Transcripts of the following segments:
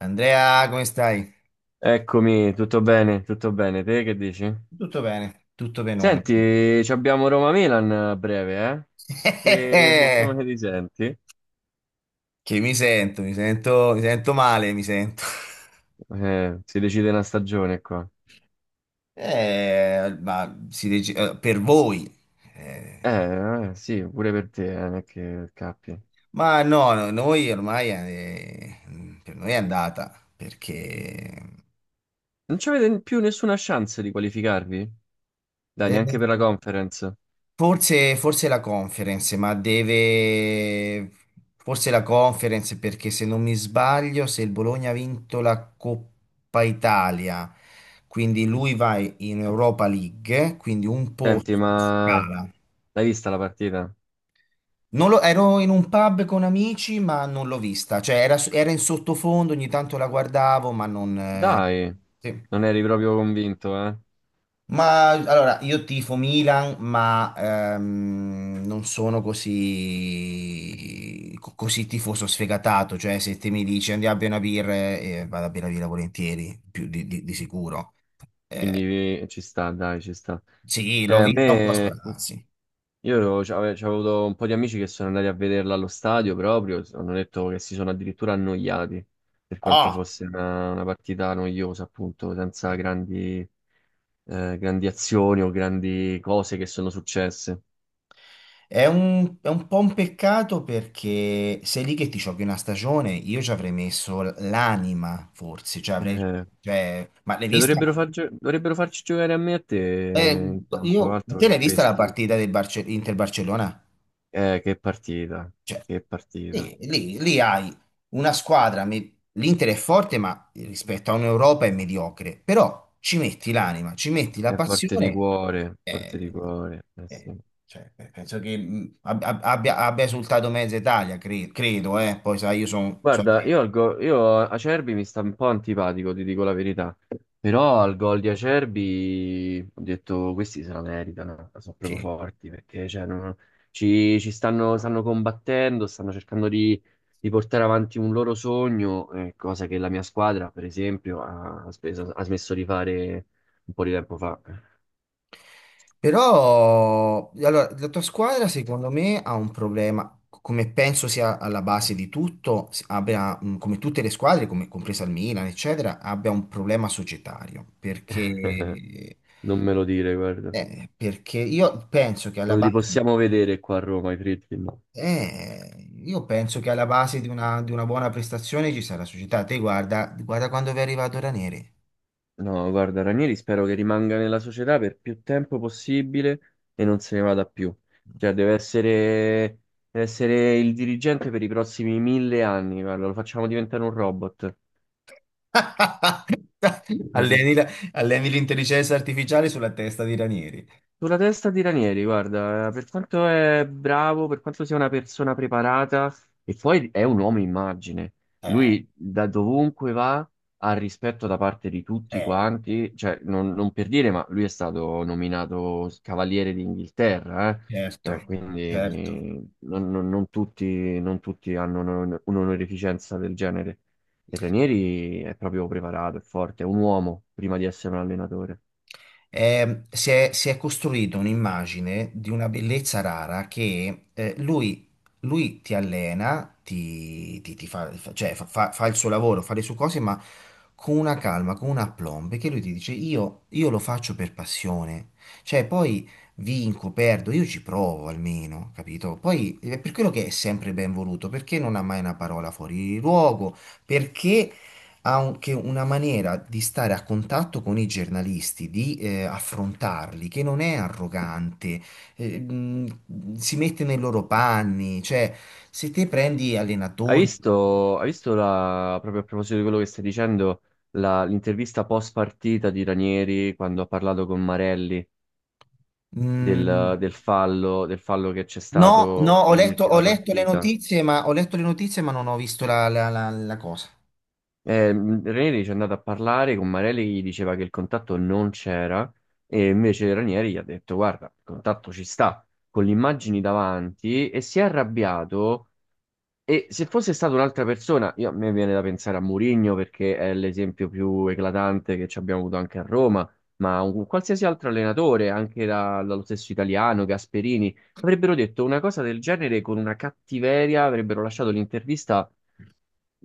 Andrea, come stai? Eccomi, tutto bene, tutto bene. Te che dici? Tutto bene, tutto benone. Senti, ci abbiamo Roma-Milan a breve, eh? E come ti senti? Che mi sento male, mi sento. Si decide una stagione qua. Ma per voi. Eh, Sì, pure per te, non è che cappi. ma no, no, noi ormai per noi è andata perché Non c'avete più nessuna chance di qualificarvi? Dai, eh, neanche per la conference. forse la conference, ma deve. Forse la conference perché se non mi sbaglio, se il Bologna ha vinto la Coppa Italia, quindi lui va in Europa League, quindi un posto Senti, ma scala. l'hai vista la partita? Non lo- Ero in un pub con amici, ma non l'ho vista, cioè era in sottofondo, ogni tanto la guardavo, ma non, Dai, sì. non eri proprio convinto, eh? Ma allora, io tifo Milan, ma non sono così, così tifoso sfegatato, cioè se te mi dici andiamo a bere una birra, vado a bere una birra volentieri, più di sicuro. Quindi ci sta, dai, ci sta. Sì, l'ho A vista un po' a me... sprazzi. C'avevo avuto un po' di amici che sono andati a vederla allo stadio proprio, hanno detto che si sono addirittura annoiati, per quanto Ah! fosse una partita noiosa, appunto, senza grandi, grandi azioni o grandi cose che sono successe. È un po' un peccato perché sei lì che ti giochi una stagione, io ci avrei messo l'anima, forse, cioè avrei, Eh, cioè, ma l'hai cioè vista? Dovrebbero farci giocare a me e a te Eh, in campo, altro te che l'hai vista la questi. partita del Inter-Barcellona? Che partita, Cioè, che partita. lì hai una squadra, l'Inter è forte, ma rispetto a un'Europa è mediocre, però ci metti l'anima, ci metti la È forte di passione, cuore, forte di eh, cuore. Eh sì. eh, cioè, penso che abbia esultato mezza Italia, credo, poi sai, io sono. Guarda, io, al go- io a- Acerbi mi sta un po' antipatico, ti dico la verità. Però al gol di Acerbi ho detto questi se la meritano, sono proprio forti perché cioè, ci, ci stanno, stanno combattendo, stanno cercando di portare avanti un loro sogno, cosa che la mia squadra, per esempio, ha smesso di fare un po' di tempo fa. Però, allora, la tua squadra secondo me ha un problema, come penso sia alla base di tutto, come tutte le squadre, come compresa il Milan, eccetera, abbia un problema societario, perché, Non me lo dire, guarda. eh, perché io penso che alla Non li base, possiamo vedere qua a Roma, i Fritkin. No. eh, io penso che alla base di una buona prestazione ci sarà la società. Te guarda, guarda quando vi è arrivato Ranere. No, guarda, Ranieri spero che rimanga nella società per più tempo possibile e non se ne vada più. Cioè, deve essere il dirigente per i prossimi mille anni, guarda, lo facciamo diventare un robot. Alleni la- alleni l'intelligenza artificiale sulla testa di Ranieri. Sulla testa di Ranieri, guarda, per quanto è bravo, per quanto sia una persona preparata, e poi è un uomo immagine. Eh, Lui da dovunque va ha rispetto da parte di tutti Eh, quanti, cioè non per dire, ma lui è stato nominato Cavaliere d'Inghilterra, eh. certo, Cioè, certo. quindi non tutti, non tutti hanno un'onorificenza del genere. E Ranieri è proprio preparato, è forte, è un uomo prima di essere un allenatore. Si è costruito un'immagine di una bellezza rara che lui, lui ti allena, ti fa, cioè, fa il suo lavoro, fa le sue cose, ma con una calma, con un aplomb, che lui ti dice io lo faccio per passione, cioè poi vinco, perdo, io ci provo almeno, capito? Poi è per quello che è sempre ben voluto, perché non ha mai una parola fuori luogo, perché ha anche una maniera di stare a contatto con i giornalisti, di affrontarli, che non è arrogante, si mette nei loro panni, cioè se te prendi allenatori. Hai visto la, proprio a proposito di quello che stai dicendo, l'intervista post partita di Ranieri quando ha parlato con Marelli Mh, del fallo che c'è no, no, stato ho letto, ho nell'ultima letto le partita? notizie, ma ho letto le notizie, ma non ho visto la cosa. Ranieri ci è andato a parlare con Marelli che gli diceva che il contatto non c'era e invece Ranieri gli ha detto guarda, il contatto ci sta, con le immagini davanti e si è arrabbiato. E se fosse stata un'altra persona, a me viene da pensare a Mourinho perché è l'esempio più eclatante che ci abbiamo avuto anche a Roma, ma un qualsiasi altro allenatore, anche dallo stesso italiano, Gasperini, avrebbero detto una cosa del genere con una cattiveria, avrebbero lasciato l'intervista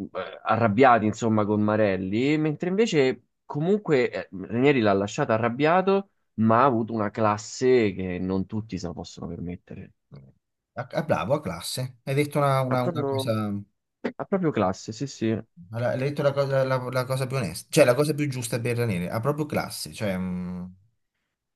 arrabbiati, insomma, con Marelli, mentre invece comunque Ranieri l'ha lasciato arrabbiato, ma ha avuto una classe che non tutti se la possono permettere. A bravo, a classe. Hai detto una, Ha una cosa. proprio, ha proprio classe, sì, sì. Hai detto la cosa più onesta, cioè la cosa più giusta per Ranieri, ha proprio classe, cioè, mh.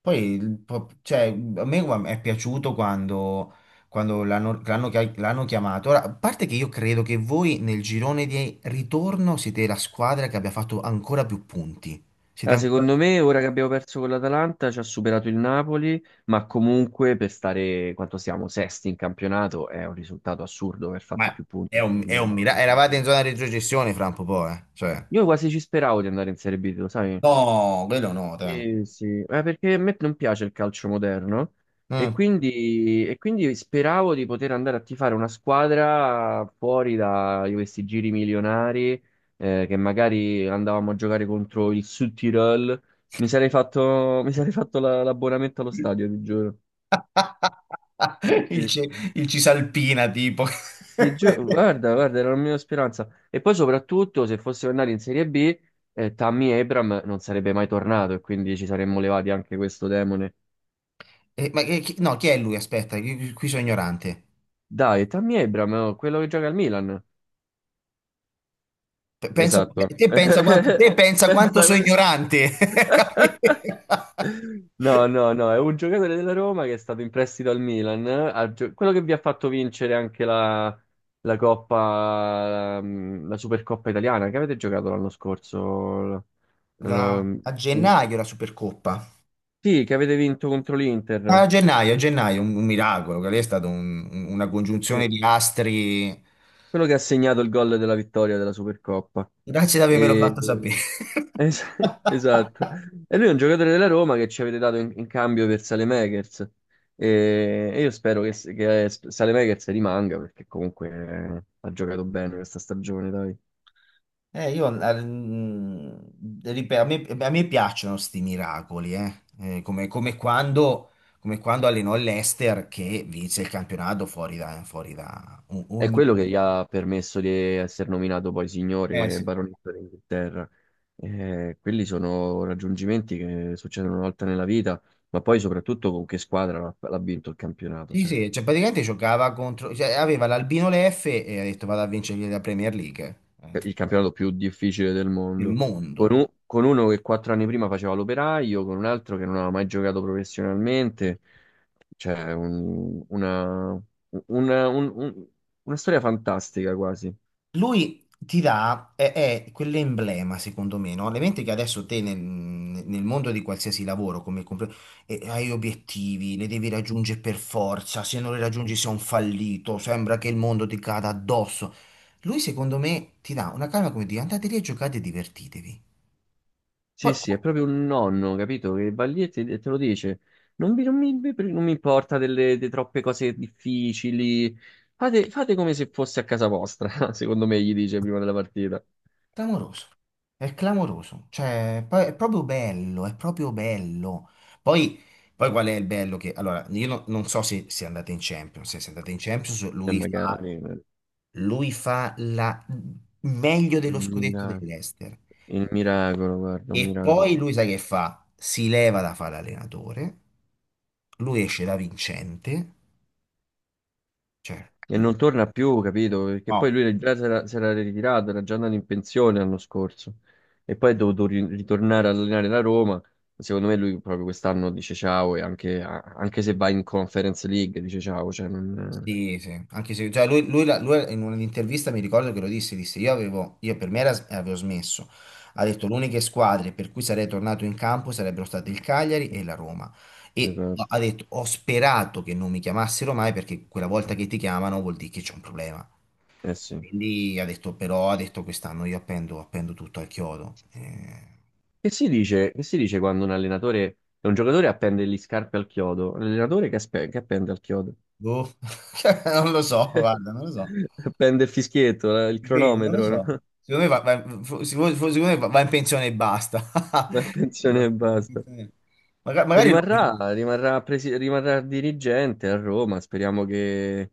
Poi, cioè, a me guarda, è piaciuto quando, l'hanno chiamato. Ora, a parte che io credo che voi nel girone di ritorno siete la squadra che abbia fatto ancora più punti. Siete Ah, ancora. secondo me, ora che abbiamo perso con l'Atalanta, ci ha superato il Napoli, ma comunque per stare quanto siamo sesti in campionato è un risultato assurdo aver fatto Ma più punti. è un, è Intorno un gira miracolo. di Eravate in ritorno. zona di retrocessione fra un po', poi. Cioè. Io quasi ci speravo di andare in Serie B, lo sai? No, quello no, dai. Sì, sì, ma perché a me non piace il calcio moderno Mm. E quindi speravo di poter andare a tifare una squadra fuori da questi giri milionari, che magari andavamo a giocare contro il Sud Tirol. Mi sarei fatto, mi sarei fatto la- l'abbonamento allo stadio, ti giuro. Il, Sì, ci- sì. il Cisalpina, tipo. Ti giuro, guarda, guarda, era la mia speranza. E poi soprattutto se fossimo andati in Serie B, Tammy Abraham non sarebbe mai tornato e quindi ci saremmo levati anche questo demone. Ma no, chi è lui? Aspetta, qui sono ignorante. Dai, Tammy Abraham, oh, quello che gioca al Milan. Pensa, Esatto. te pensa quanto, te pensa quanto Pensa sono come- ignorante. Capi? No, no, no, è un giocatore della Roma che è stato in prestito al Milan, quello che vi ha fatto vincere anche la Coppa, la Supercoppa italiana, che avete giocato l'anno scorso. L- l- A gennaio la Supercoppa. Sì, che avete vinto contro l'Inter. A gennaio, un miracolo. Quello lì è stata una congiunzione Sì. di astri. Quello che ha segnato il gol della vittoria della Supercoppa. Grazie di avermelo E- fatto sapere. es- esatto. E lui è un giocatore della Roma che ci avete dato in, in cambio per Saelemaekers. E io spero che Saelemaekers rimanga perché comunque ha giocato bene questa stagione, dai. Io, ripeto, a me piacciono sti miracoli, eh. Come, come quando allenò l'Ester che vinse il campionato fuori da È ogni. quello che gli ha permesso di essere nominato poi signore e Sì. baronetto d'Inghilterra. Quelli sono raggiungimenti che succedono una volta nella vita, ma poi soprattutto con che squadra l'ha vinto il campionato, Sì, cioè. sì, cioè praticamente giocava contro, cioè aveva l'Albino Leffe e ha detto vado a vincere la Premier League Il campionato più difficile del del mondo. Con, mondo. Con uno che quattro anni prima faceva l'operaio, con un altro che non aveva mai giocato professionalmente. Cioè, una- un- un- una storia fantastica quasi. Lui ti dà, è quell'emblema secondo me, no? L'evento che adesso te nel mondo di qualsiasi lavoro, hai obiettivi, li devi raggiungere per forza, se non li raggiungi sei un fallito, sembra che il mondo ti cada addosso. Lui secondo me ti dà una calma come dire andate lì a giocate e divertitevi. Sì, Poi sì, è proprio un nonno, capito? Che va lì e te lo dice. Non vi- non mi, non mi importa delle, de troppe cose difficili. Fate, fate come se fosse a casa vostra, secondo me, gli dice prima della partita. clamoroso, è clamoroso, cioè poi è proprio bello, è proprio bello. Poi, poi, qual è il bello che, allora, io non so se, andate in Champions, E lui fa, magari... lui fa la, meglio il dello scudetto Milan. dell'Ester Il miracolo, guarda, un e poi miracolo. lui sai che fa? Si leva da fare l'allenatore, lui esce da vincente, cioè, E non torna più, capito? Perché poi no. lui già si era ritirato, era già andato in pensione l'anno scorso. E poi è dovuto ritornare ad allenare la Roma. Secondo me lui proprio quest'anno dice ciao e anche, anche se va in Conference League dice ciao. Cioè non... Sì, sì, anche se cioè lui in un'intervista mi ricordo che lo disse io per me era- avevo smesso, ha detto le uniche squadre per cui sarei tornato in campo sarebbero state il Cagliari e la Roma e esatto, ha detto ho sperato che non mi chiamassero mai perché quella volta che ti chiamano vuol dire che c'è un problema, eh sì. quindi ha detto quest'anno io appendo tutto al chiodo. Che si dice quando un allenatore, un giocatore appende gli scarpe al chiodo? L'allenatore che, che appende al chiodo? Boh, non lo so, guarda, non lo so. Appende il fischietto, il Sì, non lo cronometro, no? so. Secondo me va in pensione e basta. La pensione Va- e va in basta. pensione. Magari lo prende. Rimarrà dirigente a Roma. Speriamo che.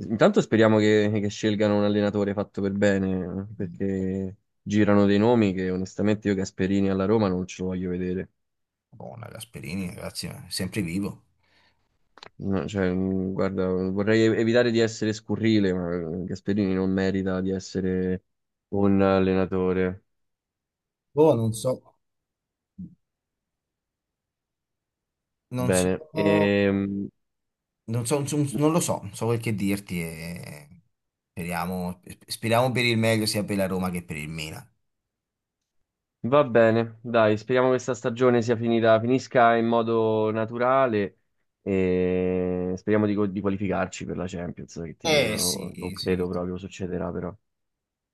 Intanto speriamo che scelgano un allenatore fatto per bene, perché girano dei nomi che onestamente io Gasperini alla Roma non ce lo voglio vedere. Buona Gasperini, ragazzi, è sempre vivo. No, cioè, guarda, vorrei evitare di essere scurrile, ma Gasperini non merita di essere un allenatore. Boh, non Bene. so, non lo so, non so quel che dirti. E. Speriamo, speriamo per il meglio sia per la Roma che per il Milan. Va bene, dai, speriamo che questa stagione sia finita, finisca in modo naturale e speriamo di, di qualificarci per la Champions, che ti Eh sì, dicono, non sì. credo proprio succederà però.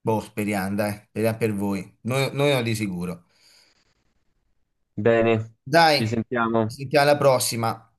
Boh, speriamo, dai, speriamo per voi. Noi no di sicuro. Bene, Dai, ci ci sentiamo. sentiamo alla prossima.